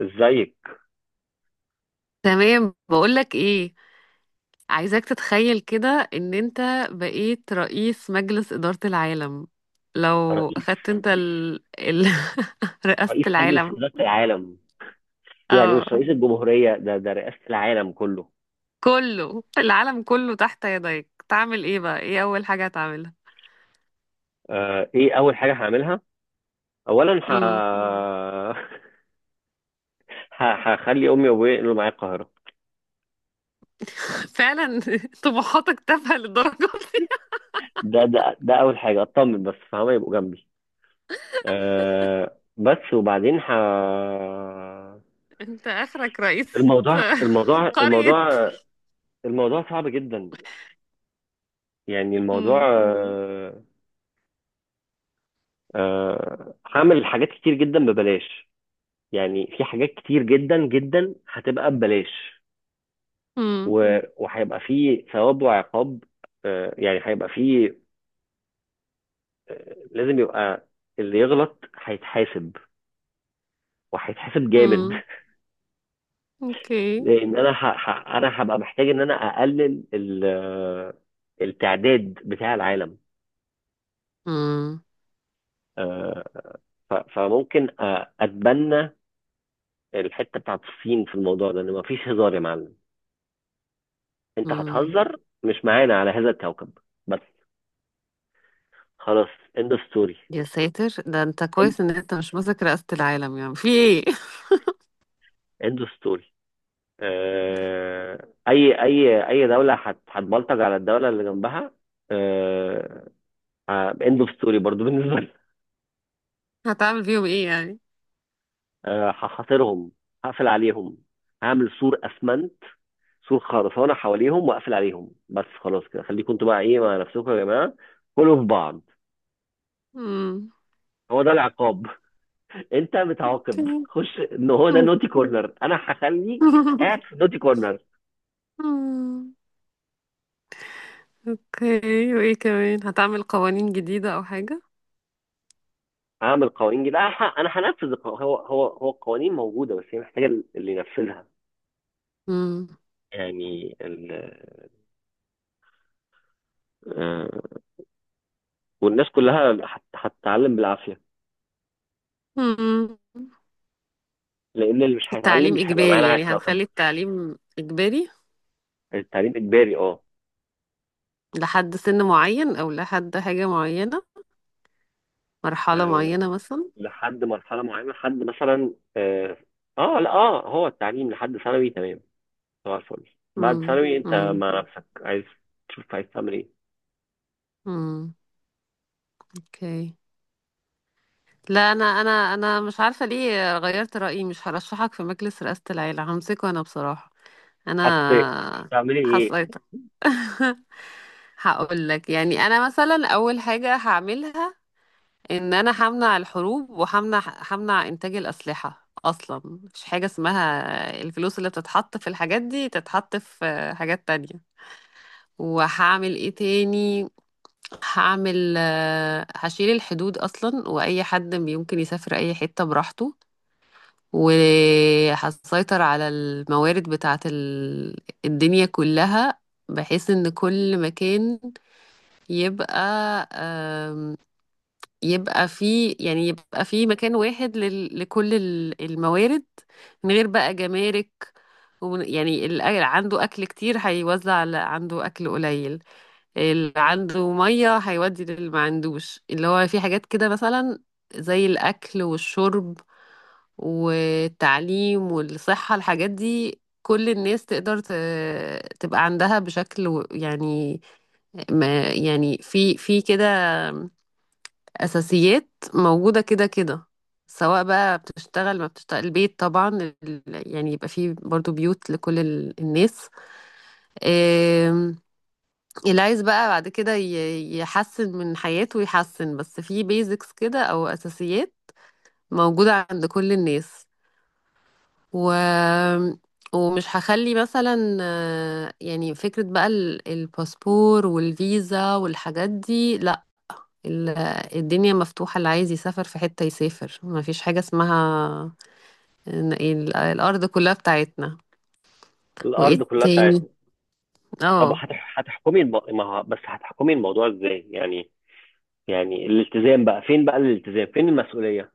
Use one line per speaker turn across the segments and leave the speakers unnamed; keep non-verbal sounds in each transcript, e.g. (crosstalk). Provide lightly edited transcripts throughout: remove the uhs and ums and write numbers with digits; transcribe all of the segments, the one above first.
ازيك؟
تمام، بقولك ايه. عايزاك تتخيل كده، ان انت بقيت رئيس مجلس إدارة العالم. لو
رئيس
اخدت انت (laughs) رئاسة
رئيس مجلس
العالم.
إدارة العالم. يعني
اه،
مش رئيس الجمهورية، ده رئاسة العالم كله.
كله، العالم كله تحت يديك، تعمل ايه بقى؟ ايه اول حاجة هتعملها؟
ايه اول حاجة هعملها؟ اولا (laughs)
امم.
مم. هخلي امي وابويا ينقلوا معايا القاهرة.
(laughs) فعلا؟ (laughs) طموحاتك تافهة للدرجة دي؟
ده اول حاجة، اطمن بس فهم يبقوا جنبي. بس وبعدين.
(laughs) انت اخرك رئيس
الموضوع الموضوع
(laughs) قرية.
الموضوع الموضوع صعب جدا. يعني الموضوع.
امم.
هعمل حاجات كتير جدا ببلاش. يعني في حاجات كتير جدا جدا هتبقى ببلاش.
امم.
وهيبقى في ثواب وعقاب. يعني هيبقى في. لازم يبقى، اللي يغلط هيتحاسب. وهيتحاسب جامد. (laughs)
امم. اوكي.
لان انا هبقى محتاج ان انا اقلل ال... آه، التعداد بتاع العالم.
امم.
آه، فممكن اتبنى الحته بتاعت الصين في الموضوع ده، ان مفيش هزار يا معلم. انت هتهزر مش معانا على هذا الكوكب. بس خلاص، end of story.
يا ساتر، ده انت كويس ان انت مش ماسك رئاسة العالم، يعني في ايه؟
اند ستوري. اي دوله هتبلطج على الدوله اللي جنبها. اند اوف ستوري برضو بالنسبه لي.
(laughs) هتعمل فيهم ايه يعني؟
هحاصرهم. هقفل عليهم. هعمل سور اسمنت، سور خرسانه حواليهم، واقفل عليهم. بس خلاص كده، خليكم انتوا بقى ايه مع نفسكم يا جماعه. كلوا في بعض.
امم.
هو ده العقاب. (laughs) انت
اوكي.
بتعاقب، خش ان هو ده
(laughs)
نوتي كورنر. انا هخليك قاعد في نوتي كورنر.
أمم. اوكي، وايه كمان؟ هتعمل قوانين جديدة او حاجة؟
اعمل قوانين جديده. انا هنفذ هو القوانين موجوده، بس هي محتاجه اللي ينفذها.
امم.
يعني ال... آه، والناس كلها هتتعلم بالعافيه.
أمم.
لان اللي مش هيتعلم
التعليم
مش هيبقى معانا
اجباري
على
يعني؟
الكوكب.
هنخلي التعليم اجباري
التعليم اجباري، اه.
لحد سن معين، او لحد حاجة معينة، مرحلة
آه،
معينة مثلا.
لحد مرحله معينه، لحد مثلا، اه. لا، هو التعليم لحد ثانوي. تمام، طبعا الفل. بعد
امم.
ثانوي انت
امم.
مع نفسك، عايز تشوف عايز تعمل ايه.
أمم. اوكي. لا، انا مش عارفه ليه غيرت رايي، مش هرشحك في مجلس رئاسه العيله، همسكه انا بصراحه.
حتى
انا
تعملي ايه؟
حصيتك. (laughs) هقول لك، يعني انا مثلا اول حاجه هعملها ان انا همنع الحروب، وهمنع انتاج الاسلحه اصلا. مش حاجه اسمها، الفلوس اللي بتتحط في الحاجات دي تتحط في حاجات تانية. وهعمل ايه تاني؟ هعمل آه، هشيل الحدود اصلا، واي حد يمكن يسافر اي حته براحته. وهتسيطر على الموارد بتاعت الدنيا كلها، بحيث ان كل مكان يبقى، آم، يبقى فيه، يعني يبقى فيه مكان واحد لكل الموارد، من غير بقى جمارك. يعني اللي عنده اكل كتير هيوزع على عنده اكل قليل، اللي عنده ميه هيودي للي ما عندوش، اللي هو في حاجات كده مثلا زي الاكل والشرب والتعليم والصحه. الحاجات دي كل الناس تقدر تبقى عندها بشكل يعني، ما يعني في كده اساسيات موجوده كده كده، سواء بقى بتشتغل ما بتشتغل. البيت طبعا، ال- يعني يبقى فيه برضو بيوت لكل الناس. اللي عايز بقى بعد كده يحسن من حياته يحسن، بس في بيزكس كده، او اساسيات موجودة عند كل الناس. و... ومش هخلي مثلا، يعني فكرة بقى الباسبور والفيزا والحاجات دي، لا. ال- الدنيا مفتوحة، اللي عايز يسافر في حتة يسافر، ما فيش حاجة اسمها إن- الارض كلها بتاعتنا.
الارض
وايه
كلها
تاني؟
بتاعتك. طب
اه.
هتحكمي الم... ما ه- بس هتحكمي الموضوع ازاي يعني؟ يعني الالتزام بقى فين؟ بقى الالتزام، فين المسؤولية؟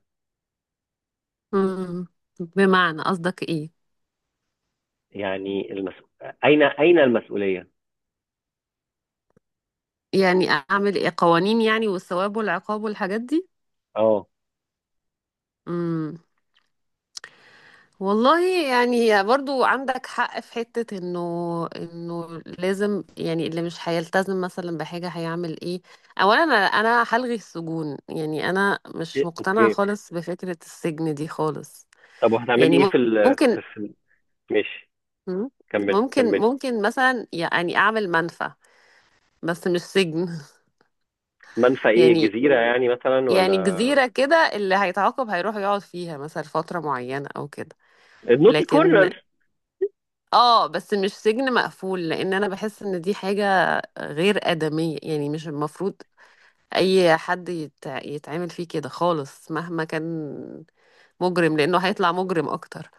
مم. بمعنى، قصدك ايه؟
يعني اين المسؤولية؟
يعني اعمل ايه قوانين يعني؟ والثواب والعقاب والحاجات دي؟
اه.
امم. والله، يعني برضو عندك حق في حتة انه لازم، يعني اللي مش هيلتزم مثلا بحاجة هيعمل ايه. اولا، انا هلغي السجون، يعني انا مش
إيه،
مقتنعة
اوكي.
خالص بفكرة السجن دي خالص.
طب، وهتعملي
يعني
ايه. في ال...
ممكن.
في... في... ماشي.
مم.
كملي
ممكن
كملي.
ممكن مثلا، يعني اعمل منفى، بس مش سجن.
منفى
(laughs)
ايه؟
يعني
جزيرة يعني مثلا، ولا؟
يعني جزيرة كده، اللي هيتعاقب هيروح يقعد فيها مثلا فترة معينة او كده.
النوتي
لكن
كورنر.
اه بس مش سجن مقفول، لان انا بحس ان دي حاجة غير آدمية، يعني مش المفروض اي حد يتعامل فيه كده خالص مهما كان مجرم، لانه هيطلع مجرم اكتر.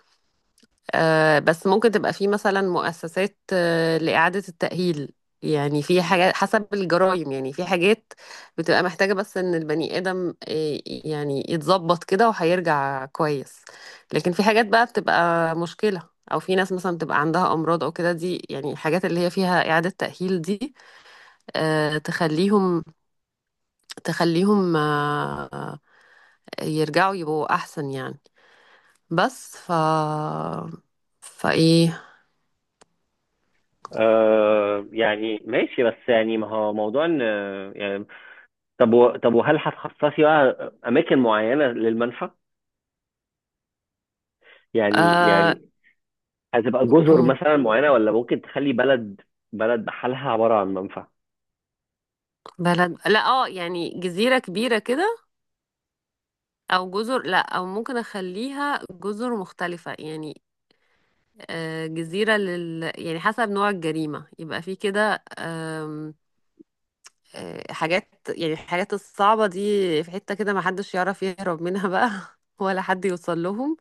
بس ممكن تبقى في مثلا مؤسسات لإعادة التأهيل. يعني في حاجات حسب الجرائم، يعني في حاجات بتبقى محتاجة بس إن البني آدم يعني يتظبط كده وهيرجع كويس. لكن في حاجات بقى بتبقى مشكلة، أو في ناس مثلا بتبقى عندها أمراض أو كده، دي يعني الحاجات اللي هي فيها إعادة تأهيل دي، تخليهم، تخليهم آه، يرجعوا يبقوا أحسن يعني. بس فإيه؟
يعني ماشي، بس يعني ما هو موضوع ان. يعني، طب وهل هتخصصي بقى اماكن معينة للمنفى؟ يعني
آه...
يعني هتبقى جزر مثلا معينه، ولا ممكن تخلي بلد بحالها عباره عن منفى؟
بلد، لا، اه، يعني جزيرة كبيرة كده، او جزر، لا، او ممكن اخليها جزر مختلفة يعني. جزيرة يعني حسب نوع الجريمة، يبقى في كده، حاجات، يعني الحاجات الصعبة دي في حتة كده ما حدش يعرف يهرب منها بقى، (laughs) ولا حد يوصل لهم.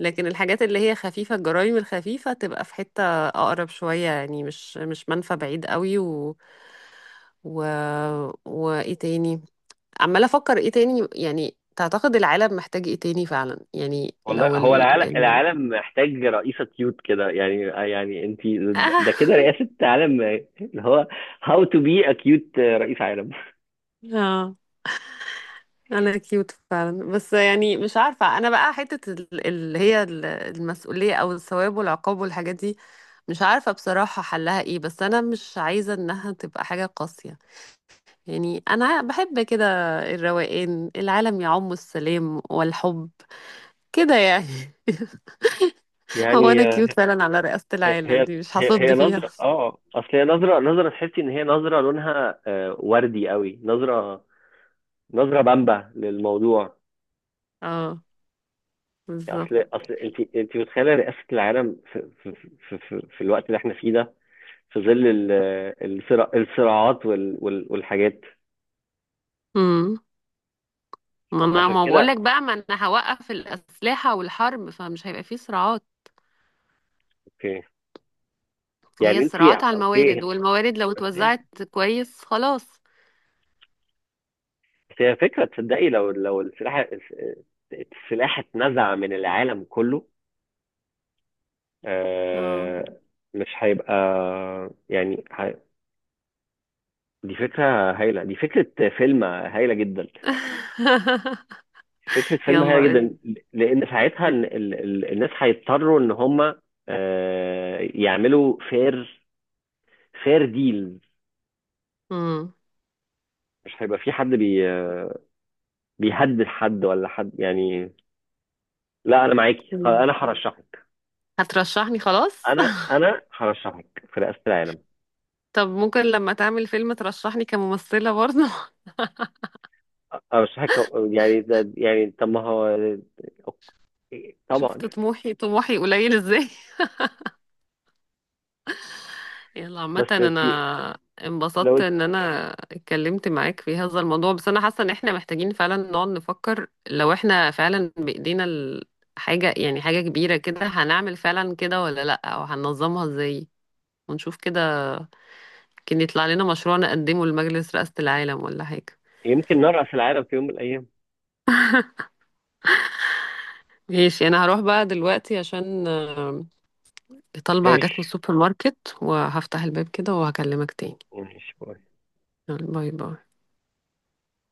لكن الحاجات اللي هي خفيفة، الجرائم الخفيفة، تبقى في حتة اقرب شوية، يعني مش منفى بعيد قوي و و وايه تاني؟ عمالة أفكر إيه تاني، يعني تعتقد العالم محتاج إيه تاني فعلا؟ يعني
والله،
لو
هو
ال
العالم
ال
العالم محتاج رئيسة كيوت كده يعني. يعني انت،
(laughs) آه
ده كده رئاسة عالم اللي هو how to be a cute رئيس عالم.
آه، أنا كيوت فعلا، بس يعني مش عارفة أنا بقى حتة اللي هي المسؤولية أو الثواب والعقاب والحاجات دي. مش عارفة بصراحة حلها إيه، بس أنا مش عايزة إنها تبقى حاجة قاسية. يعني أنا بحب كده الروقان، العالم يعم السلام والحب كده يعني. (laughs) هو
يعني
أنا كيوت فعلا على رئاسة
هي
العالم
هي
دي مش
هي
هصد
هي
فيها.
نظرة. اه اصل هي نظرة، نظرة تحسي ان هي نظرة لونها وردي قوي. نظرة بامبة للموضوع.
اه، بالظبط.
اصل انت متخيلة رئاسة العالم في الوقت اللي احنا فيه ده، في ظل الصراعات والحاجات.
امم. ما انا
عشان
ما بقول
كده.
لك بقى، ما انا هوقف الاسلحه والحرب، فمش هيبقى فيه صراعات.
اوكي.
هي
يعني انت.
الصراعات على
اوكي.
الموارد، والموارد لو
بس هي-
اتوزعت كويس خلاص.
بس هي فكره، تصدقي لو السلاح اتنزع من العالم كله.
اه.
آه، مش هيبقى. يعني دي فكره فيلم هايله جدا.
(laughs)
فكره فيلم هايله
يلا.
جدا. لان ساعتها الناس هيضطروا ان هم يعملوا فير ديل.
امم.
مش هيبقى في حد بيهدد حد ولا حد يعني. لا، انا معاكي. انا هرشحك.
هترشحني خلاص؟
انا
(laughs)
انا هرشحك في رئاسة العالم.
طب ممكن لما تعمل فيلم ترشحني كممثله برضه.
ارشحك. يعني ده، يعني طب ما هو. أوكي،
(laughs) شفت
طبعا.
طموحي، طموحي قليل ازاي. يلا، عامة
بس تي-
انا انبسطت
لو
ان انا اتكلمت معاك في هذا الموضوع، بس انا حاسة ان احنا محتاجين فعلا نقعد نفكر لو احنا فعلا بايدينا حاجة، يعني حاجة كبيرة كده، هنعمل فعلا كده ولا لا، او هننظمها ازاي، ونشوف كده، كان يطلع لنا مشروع نقدمه لمجلس رئاسة العالم ولا حاجة.
يمكن نرأس العالم في يوم من الايام.
ماشي، انا هروح بقى دلوقتي عشان طالبة حاجات من
ماشي.
السوبر ماركت، وهفتح الباب كده وهكلمك تاني.
ماشي، باي.
يلا، باي باي.